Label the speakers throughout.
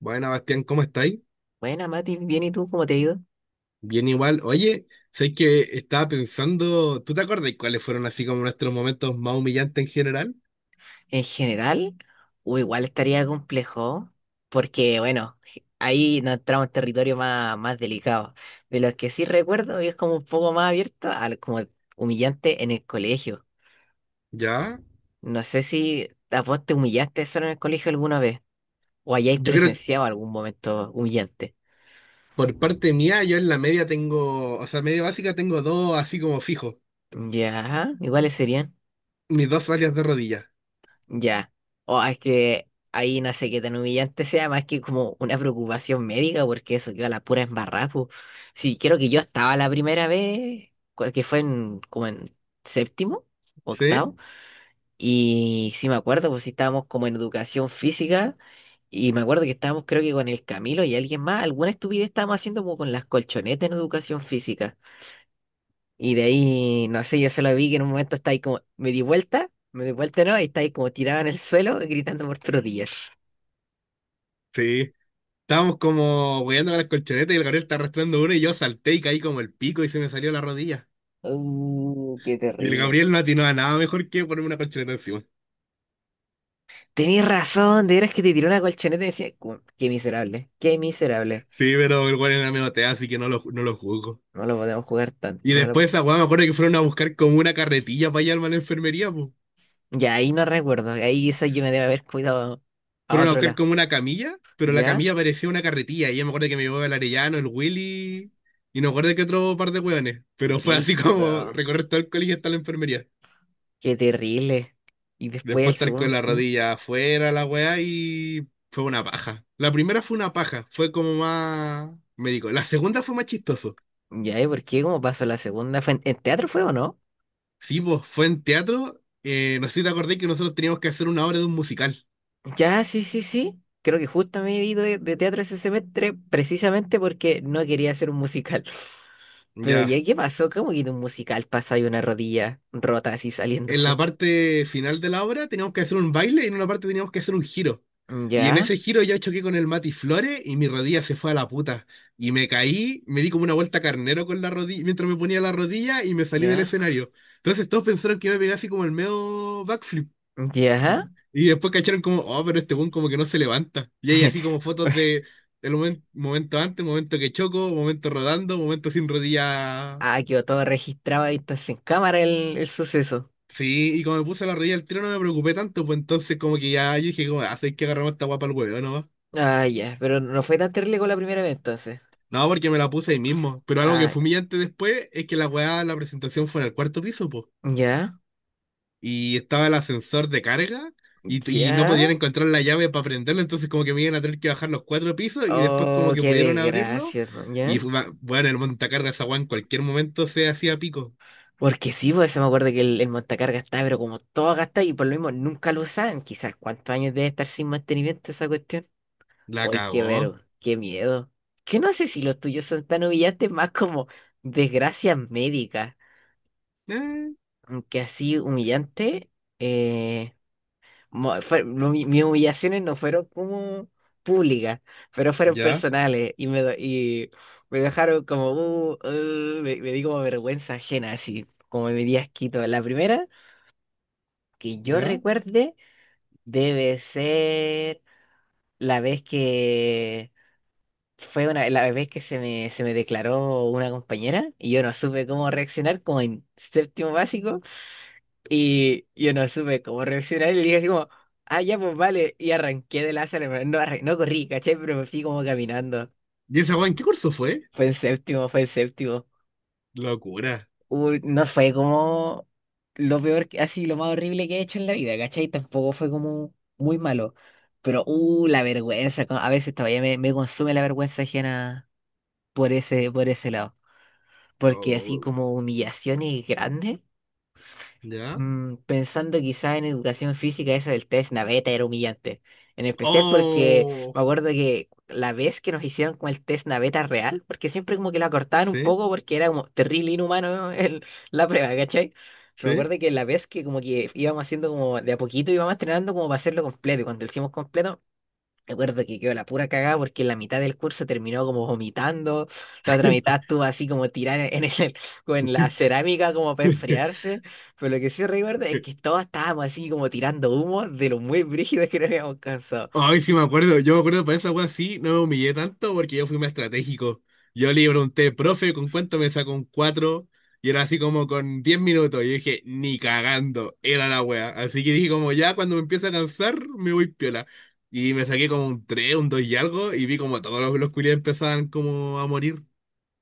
Speaker 1: Bueno, Bastián, ¿cómo estáis?
Speaker 2: Buena, Mati, bien, ¿y tú cómo te ha ido?
Speaker 1: Bien igual. Oye, sé que estaba pensando, ¿tú te acordás cuáles fueron así como nuestros momentos más humillantes en general?
Speaker 2: En general, o igual estaría complejo, porque bueno, ahí nos entramos en territorio más delicado. De los que sí recuerdo, y es como un poco más abierto, como humillante en el colegio.
Speaker 1: ¿Ya?
Speaker 2: No sé si a vos te humillaste solo en el colegio alguna vez, o hayáis
Speaker 1: Yo creo que
Speaker 2: presenciado algún momento humillante.
Speaker 1: por parte mía, yo en la media tengo, o sea, media básica tengo dos así como fijos,
Speaker 2: Ya, ¿cuáles serían?
Speaker 1: mis dos alias de rodilla.
Speaker 2: Ya. O es que ahí no sé qué tan humillante sea, más que como una preocupación médica, porque eso quedó a la pura embarrada. Po. Sí, creo que yo estaba la primera vez, que fue en, como en séptimo,
Speaker 1: ¿Sí?
Speaker 2: octavo, y sí me acuerdo, pues sí estábamos como en educación física, y me acuerdo que estábamos creo que con el Camilo y alguien más, alguna estupidez estábamos haciendo como con las colchonetas en educación física. Y de ahí, no sé, yo solo vi que en un momento está ahí como, me di vuelta, ¿no? Y está ahí como tirado en el suelo gritando por todos días.
Speaker 1: Sí. Estábamos como hueando con las colchonetas y el Gabriel está arrastrando uno y yo salté y caí como el pico y se me salió la rodilla.
Speaker 2: Qué
Speaker 1: Y el
Speaker 2: terrible.
Speaker 1: Gabriel no atinó a nada mejor que ponerme una colchoneta encima.
Speaker 2: Tenías razón, de veras que te tiró una colchoneta y decía, qué miserable, qué miserable.
Speaker 1: Sí, pero el güey era medio tea, así que no lo juzgo.
Speaker 2: No lo podemos jugar tanto.
Speaker 1: Y
Speaker 2: No
Speaker 1: después
Speaker 2: lo...
Speaker 1: esa weá me acuerdo que fueron a buscar como una carretilla para llevarme a la enfermería, pues.
Speaker 2: Ya ahí no recuerdo, ahí eso yo me debe haber cuidado a
Speaker 1: Fueron a
Speaker 2: otro
Speaker 1: buscar
Speaker 2: lado.
Speaker 1: como una camilla, pero la
Speaker 2: ¿Ya?
Speaker 1: camilla parecía una carretilla. Y yo me acuerdo que me llevó el Arellano, el Willy, y no me acuerdo que otro par de weones. Pero fue así
Speaker 2: Brígido,
Speaker 1: como recorrer todo el colegio hasta la enfermería.
Speaker 2: qué terrible. Y después el
Speaker 1: Después estar con
Speaker 2: segundo,
Speaker 1: la
Speaker 2: ¿mm?
Speaker 1: rodilla afuera, la weá, y fue una paja. La primera fue una paja, fue como más médico. La segunda fue más chistoso.
Speaker 2: ¿Ya? ¿Y por qué? ¿Cómo pasó la segunda? ¿Fue en teatro fue o no?
Speaker 1: Sí, pues fue en teatro. No sé si te acordé que nosotros teníamos que hacer una obra de un musical.
Speaker 2: Ya, sí, sí, sí. Creo que justo me he ido de teatro ese semestre precisamente porque no quería hacer un musical. Pero ya,
Speaker 1: Ya,
Speaker 2: ¿qué pasó? ¿Cómo que de un musical pasa y una rodilla rota así
Speaker 1: en la
Speaker 2: saliéndose?
Speaker 1: parte final de la obra teníamos que hacer un baile y en una parte teníamos que hacer un giro. Y en
Speaker 2: Ya,
Speaker 1: ese giro yo choqué con el Mati Flores y mi rodilla se fue a la puta. Y me caí, me di como una vuelta carnero con la rodilla mientras me ponía la rodilla y me salí del
Speaker 2: ya,
Speaker 1: escenario. Entonces todos pensaron que iba a pegar así como el medio backflip.
Speaker 2: ya.
Speaker 1: Y después cacharon como, oh, pero este buen como que no se levanta. Y hay así como fotos de el momento antes, momento que choco, momento rodando, momento sin rodilla.
Speaker 2: Ah, quedó todo registrado ahí entonces en cámara el suceso.
Speaker 1: Sí, y como me puse la rodilla al tiro no me preocupé tanto, pues entonces como que ya yo dije, como, "Ah, ¿sabes qué? Agarramos esta guapa al huevo, ¿no?".
Speaker 2: Ah, ya, pero no fue tan terrible como la primera vez entonces.
Speaker 1: No, porque me la puse ahí mismo. Pero algo que
Speaker 2: Ah,
Speaker 1: fue humillante después es que la weá, la presentación fue en el cuarto piso, pues.
Speaker 2: ya,
Speaker 1: Y estaba el ascensor de carga y no podían
Speaker 2: ya.
Speaker 1: encontrar la llave para prenderlo, entonces como que me iban a tener que bajar los 4 pisos y después como
Speaker 2: Oh,
Speaker 1: que
Speaker 2: qué
Speaker 1: pudieron abrirlo.
Speaker 2: desgracia, hermano,
Speaker 1: Y
Speaker 2: ¿ya?
Speaker 1: bueno, el montacargas esa weá en cualquier momento se hacía pico.
Speaker 2: Porque sí, pues se me acuerdo que el montacargas estaba, pero como todo gastado y por lo mismo nunca lo usaban. Quizás cuántos años debe estar sin mantenimiento esa cuestión.
Speaker 1: La
Speaker 2: Uy, qué
Speaker 1: cagó.
Speaker 2: vero, qué miedo. Que no sé si los tuyos son tan humillantes, más como desgracias médicas.
Speaker 1: Eh,
Speaker 2: Aunque así humillante, eh, no, mis humillaciones no fueron como públicas, pero fueron
Speaker 1: ya,
Speaker 2: personales y y me dejaron como, me di como vergüenza ajena, así como me di asquito. La primera, que yo
Speaker 1: ya.
Speaker 2: recuerde, debe ser la vez que la vez que se me declaró una compañera y yo no supe cómo reaccionar, como en séptimo básico, y yo no supe cómo reaccionar y le dije así como, ah, ya, pues vale, y arranqué de la sala, pero no, no corrí, ¿cachai? Pero me fui como caminando.
Speaker 1: ¿Y esa weá en qué curso fue?
Speaker 2: Fue en séptimo, fue en séptimo.
Speaker 1: Locura.
Speaker 2: Uy, no fue como lo peor, así lo más horrible que he hecho en la vida, ¿cachai? Tampoco fue como muy malo. Pero, la vergüenza, a veces todavía me consume la vergüenza ajena por ese lado. Porque así
Speaker 1: Oh.
Speaker 2: como humillaciones grandes.
Speaker 1: ¿Ya?
Speaker 2: Pensando quizá en educación física, eso del test naveta era humillante. En especial porque
Speaker 1: ¡Oh!
Speaker 2: me acuerdo que la vez que nos hicieron con el test naveta real, porque siempre como que lo acortaban un
Speaker 1: ¿Sí?
Speaker 2: poco porque era como terrible inhumano la prueba, ¿cachai? Pero me
Speaker 1: ¿Sí?
Speaker 2: acuerdo que la vez que como que íbamos haciendo como de a poquito, íbamos entrenando como para hacerlo completo. Y cuando lo hicimos completo, recuerdo que quedó la pura cagada porque la mitad del curso terminó como vomitando, la otra mitad estuvo así como tirada en el, como en la cerámica como para enfriarse, pero lo que sí recuerdo es que todos estábamos así como tirando humo de lo muy brígido que nos habíamos cansado.
Speaker 1: Ay, sí me acuerdo. Yo me acuerdo para esa wea sí, no me humillé tanto porque yo fui más estratégico. Yo le pregunté, profe, ¿con cuánto me sacó un 4? Y era así como con 10 minutos. Y yo dije, ni cagando, era la wea. Así que dije como ya cuando me empieza a cansar, me voy piola. Y me saqué como un 3 un 2 y algo, y vi como todos los culiados empezaban como a morir.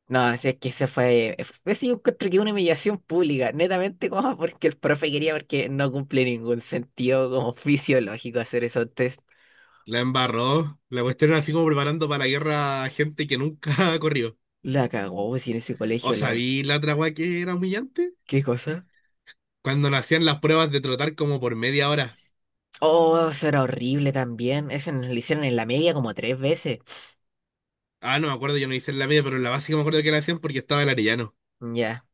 Speaker 2: No, así es que se fue, ese yo encuentro que una humillación pública, netamente como porque el profe quería, porque no cumple ningún sentido como fisiológico hacer esos test.
Speaker 1: La embarró. La cuestión era así como preparando para la guerra a gente que nunca corrió.
Speaker 2: La cagó, pues, si en ese
Speaker 1: ¿O
Speaker 2: colegio la...
Speaker 1: sabí la otra weá que era humillante?
Speaker 2: ¿Qué cosa?
Speaker 1: Cuando nos hacían las pruebas de trotar como por media hora.
Speaker 2: Oh, eso era horrible también. Ese nos lo hicieron en la media como tres veces.
Speaker 1: Ah, no me acuerdo, yo no hice en la media, pero en la básica me acuerdo que la hacían porque estaba el Arellano.
Speaker 2: Ya,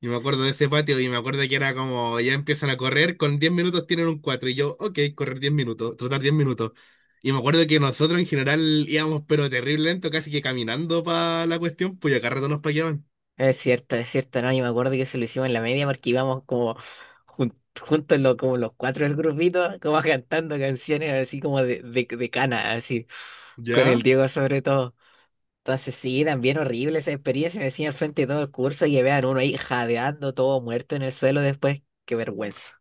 Speaker 1: Y me acuerdo de ese patio y me acuerdo que era como ya empiezan a correr, con 10 minutos tienen un cuatro. Y yo, ok, correr 10 minutos, trotar 10 minutos. Y me acuerdo que nosotros en general íbamos pero terrible lento, casi que caminando para la cuestión, pues ya cada rato nos paqueaban.
Speaker 2: es cierto, no, yo me acuerdo que se lo hicimos en la media porque íbamos como jun- juntos como los cuatro del grupito, como cantando canciones así como de, de cana, así, con el
Speaker 1: ¿Ya?
Speaker 2: Diego sobre todo. Entonces sí, también horrible esa experiencia, me decían al frente de todo el curso y vean uno ahí jadeando, todo muerto en el suelo después, qué vergüenza.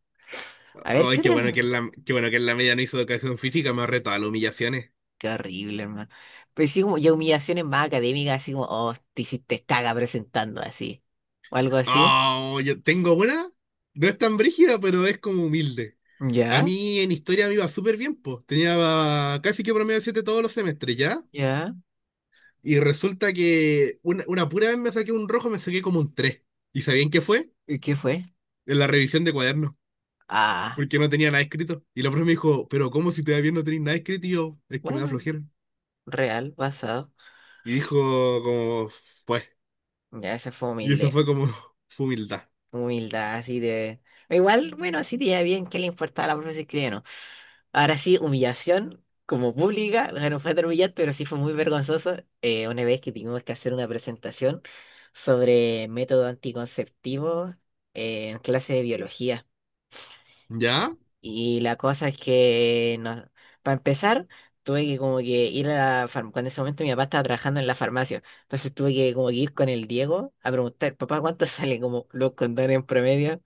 Speaker 2: A ver, ¿qué
Speaker 1: Ay,
Speaker 2: otra?
Speaker 1: qué bueno que en la media no hizo educación física, me ahorré todas las humillaciones.
Speaker 2: Qué horrible, hermano. Pero sí, como ya humillaciones más académicas, así como, oh, te hiciste caga presentando así. O algo así.
Speaker 1: Oh, yo tengo una. No es tan brígida, pero es como humilde. A
Speaker 2: Ya,
Speaker 1: mí en historia me iba súper bien, pues. Tenía casi que promedio 7 todos los semestres, ¿ya?
Speaker 2: ya.
Speaker 1: Y resulta que una pura vez me saqué un rojo, me saqué como un 3. ¿Y sabían qué fue?
Speaker 2: ¿Y qué fue?
Speaker 1: En la revisión de cuadernos,
Speaker 2: Ah,
Speaker 1: porque no tenía nada escrito. Y la profe me dijo, pero ¿cómo si te va bien no tenés nada escrito? Y yo, es que me da
Speaker 2: bueno,
Speaker 1: flojera.
Speaker 2: real, basado.
Speaker 1: Y dijo, como, pues.
Speaker 2: Ya, esa fue
Speaker 1: Y eso
Speaker 2: humilde.
Speaker 1: fue como su humildad.
Speaker 2: Humildad, así de. Igual, bueno, así te iba bien, ¿qué le importaba a la profesora si escribía o no? Ahora sí, humillación como pública, o sea, no fue tan humillante, pero sí fue muy vergonzoso, una vez que tuvimos que hacer una presentación sobre método anticonceptivo, en clase de biología.
Speaker 1: ¿Ya?
Speaker 2: Y la cosa es que, no, para empezar, tuve que como que ir a la farmacia, en ese momento mi papá estaba trabajando en la farmacia, entonces tuve que como que ir con el Diego a preguntar, papá, ¿cuánto salen como los condones en promedio?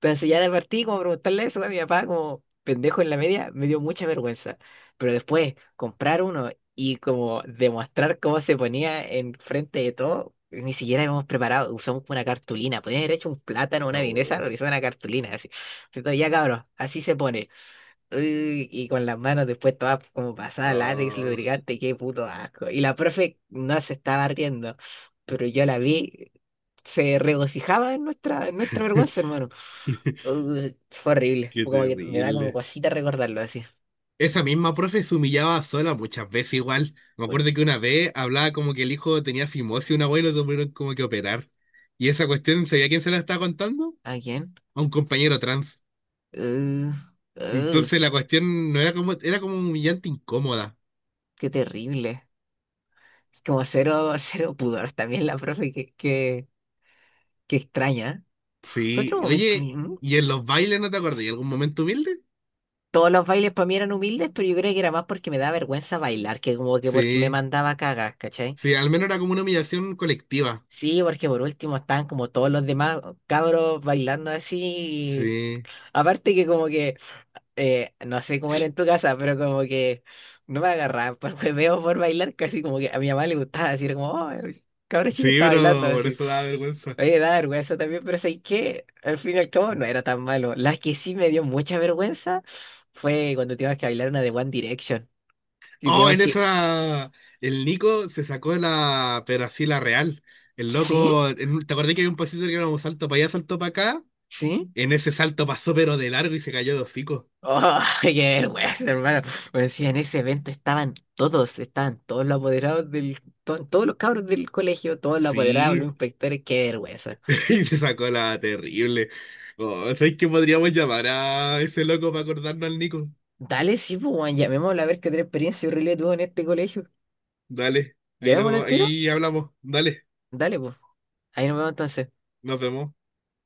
Speaker 2: Entonces ya de partí como preguntarle eso a mi papá como pendejo en la media, me dio mucha vergüenza. Pero después comprar uno y como demostrar cómo se ponía en frente de todo, ni siquiera habíamos preparado, usamos una cartulina, podrían haber hecho un plátano, una vienesa,
Speaker 1: No.
Speaker 2: lo hizo una cartulina así. Entonces ya cabros, así se pone. Uy, y con las manos después todas como pasada látex,
Speaker 1: Ah,
Speaker 2: lubricante, qué puto asco. Y la profe no se estaba riendo, pero yo la vi, se regocijaba en nuestra vergüenza, hermano. Fue horrible.
Speaker 1: qué
Speaker 2: Fue como que me da como
Speaker 1: terrible.
Speaker 2: cosita recordarlo así.
Speaker 1: Esa misma profe se humillaba sola muchas veces igual. Me acuerdo que una vez hablaba como que el hijo tenía fimosis y una abuela lo tuvieron como que operar. Y esa cuestión, ¿sabía quién se la estaba contando?
Speaker 2: ¿A quién?
Speaker 1: A un compañero trans.
Speaker 2: Uh, uh,
Speaker 1: Entonces la cuestión no era como, era como humillante incómoda.
Speaker 2: Qué terrible. Es como cero, cero pudor también la profe, que extraña. Otro
Speaker 1: Sí,
Speaker 2: momento,
Speaker 1: oye, ¿y en los bailes no te acordás? ¿Y algún momento humilde?
Speaker 2: todos los bailes para mí eran humildes, pero yo creo que era más porque me da vergüenza bailar, que como que porque me
Speaker 1: Sí,
Speaker 2: mandaba a cagar, ¿cachai?
Speaker 1: sí, al menos era como una humillación colectiva.
Speaker 2: Sí, porque por último estaban como todos los demás cabros bailando así.
Speaker 1: Sí,
Speaker 2: Aparte que como que no sé cómo era en tu casa, pero como que no me agarraban por hueveo, por bailar, casi como que a mi mamá le gustaba, así era como, oh, el cabro chico
Speaker 1: sí,
Speaker 2: está
Speaker 1: pero
Speaker 2: bailando,
Speaker 1: por
Speaker 2: así.
Speaker 1: eso da vergüenza.
Speaker 2: Oye, da vergüenza también, pero ¿sabes qué? Al fin y al cabo no era tan malo. La que sí me dio mucha vergüenza fue cuando tuvimos que bailar una de One Direction. Y
Speaker 1: Oh,
Speaker 2: tuvimos
Speaker 1: en
Speaker 2: que...
Speaker 1: esa. El Nico se sacó la. Pero así la real. El
Speaker 2: ¿Sí?
Speaker 1: loco. ¿Te acordás que había un pasito que era un salto para allá, salto para acá?
Speaker 2: ¿Sí?
Speaker 1: En ese salto pasó, pero de largo y se cayó de hocico.
Speaker 2: ¡Oh, qué vergüenza, hermano! Me decía, en ese evento estaban todos los apoderados del... todos los cabros del colegio, todos los apoderados, los
Speaker 1: Sí,
Speaker 2: inspectores, qué vergüenza.
Speaker 1: y se sacó la terrible. Oh, ¿sabes qué podríamos llamar a ese loco para acordarnos al Nico?
Speaker 2: Dale, sí, pues, weón, llamémoslo a ver qué otra experiencia horrible tuvo en este colegio.
Speaker 1: Dale. Ahí,
Speaker 2: ¿Llamémoslo
Speaker 1: no,
Speaker 2: al tiro?
Speaker 1: ahí hablamos. Dale.
Speaker 2: Dale, pues. Ahí nos vemos entonces.
Speaker 1: Nos vemos.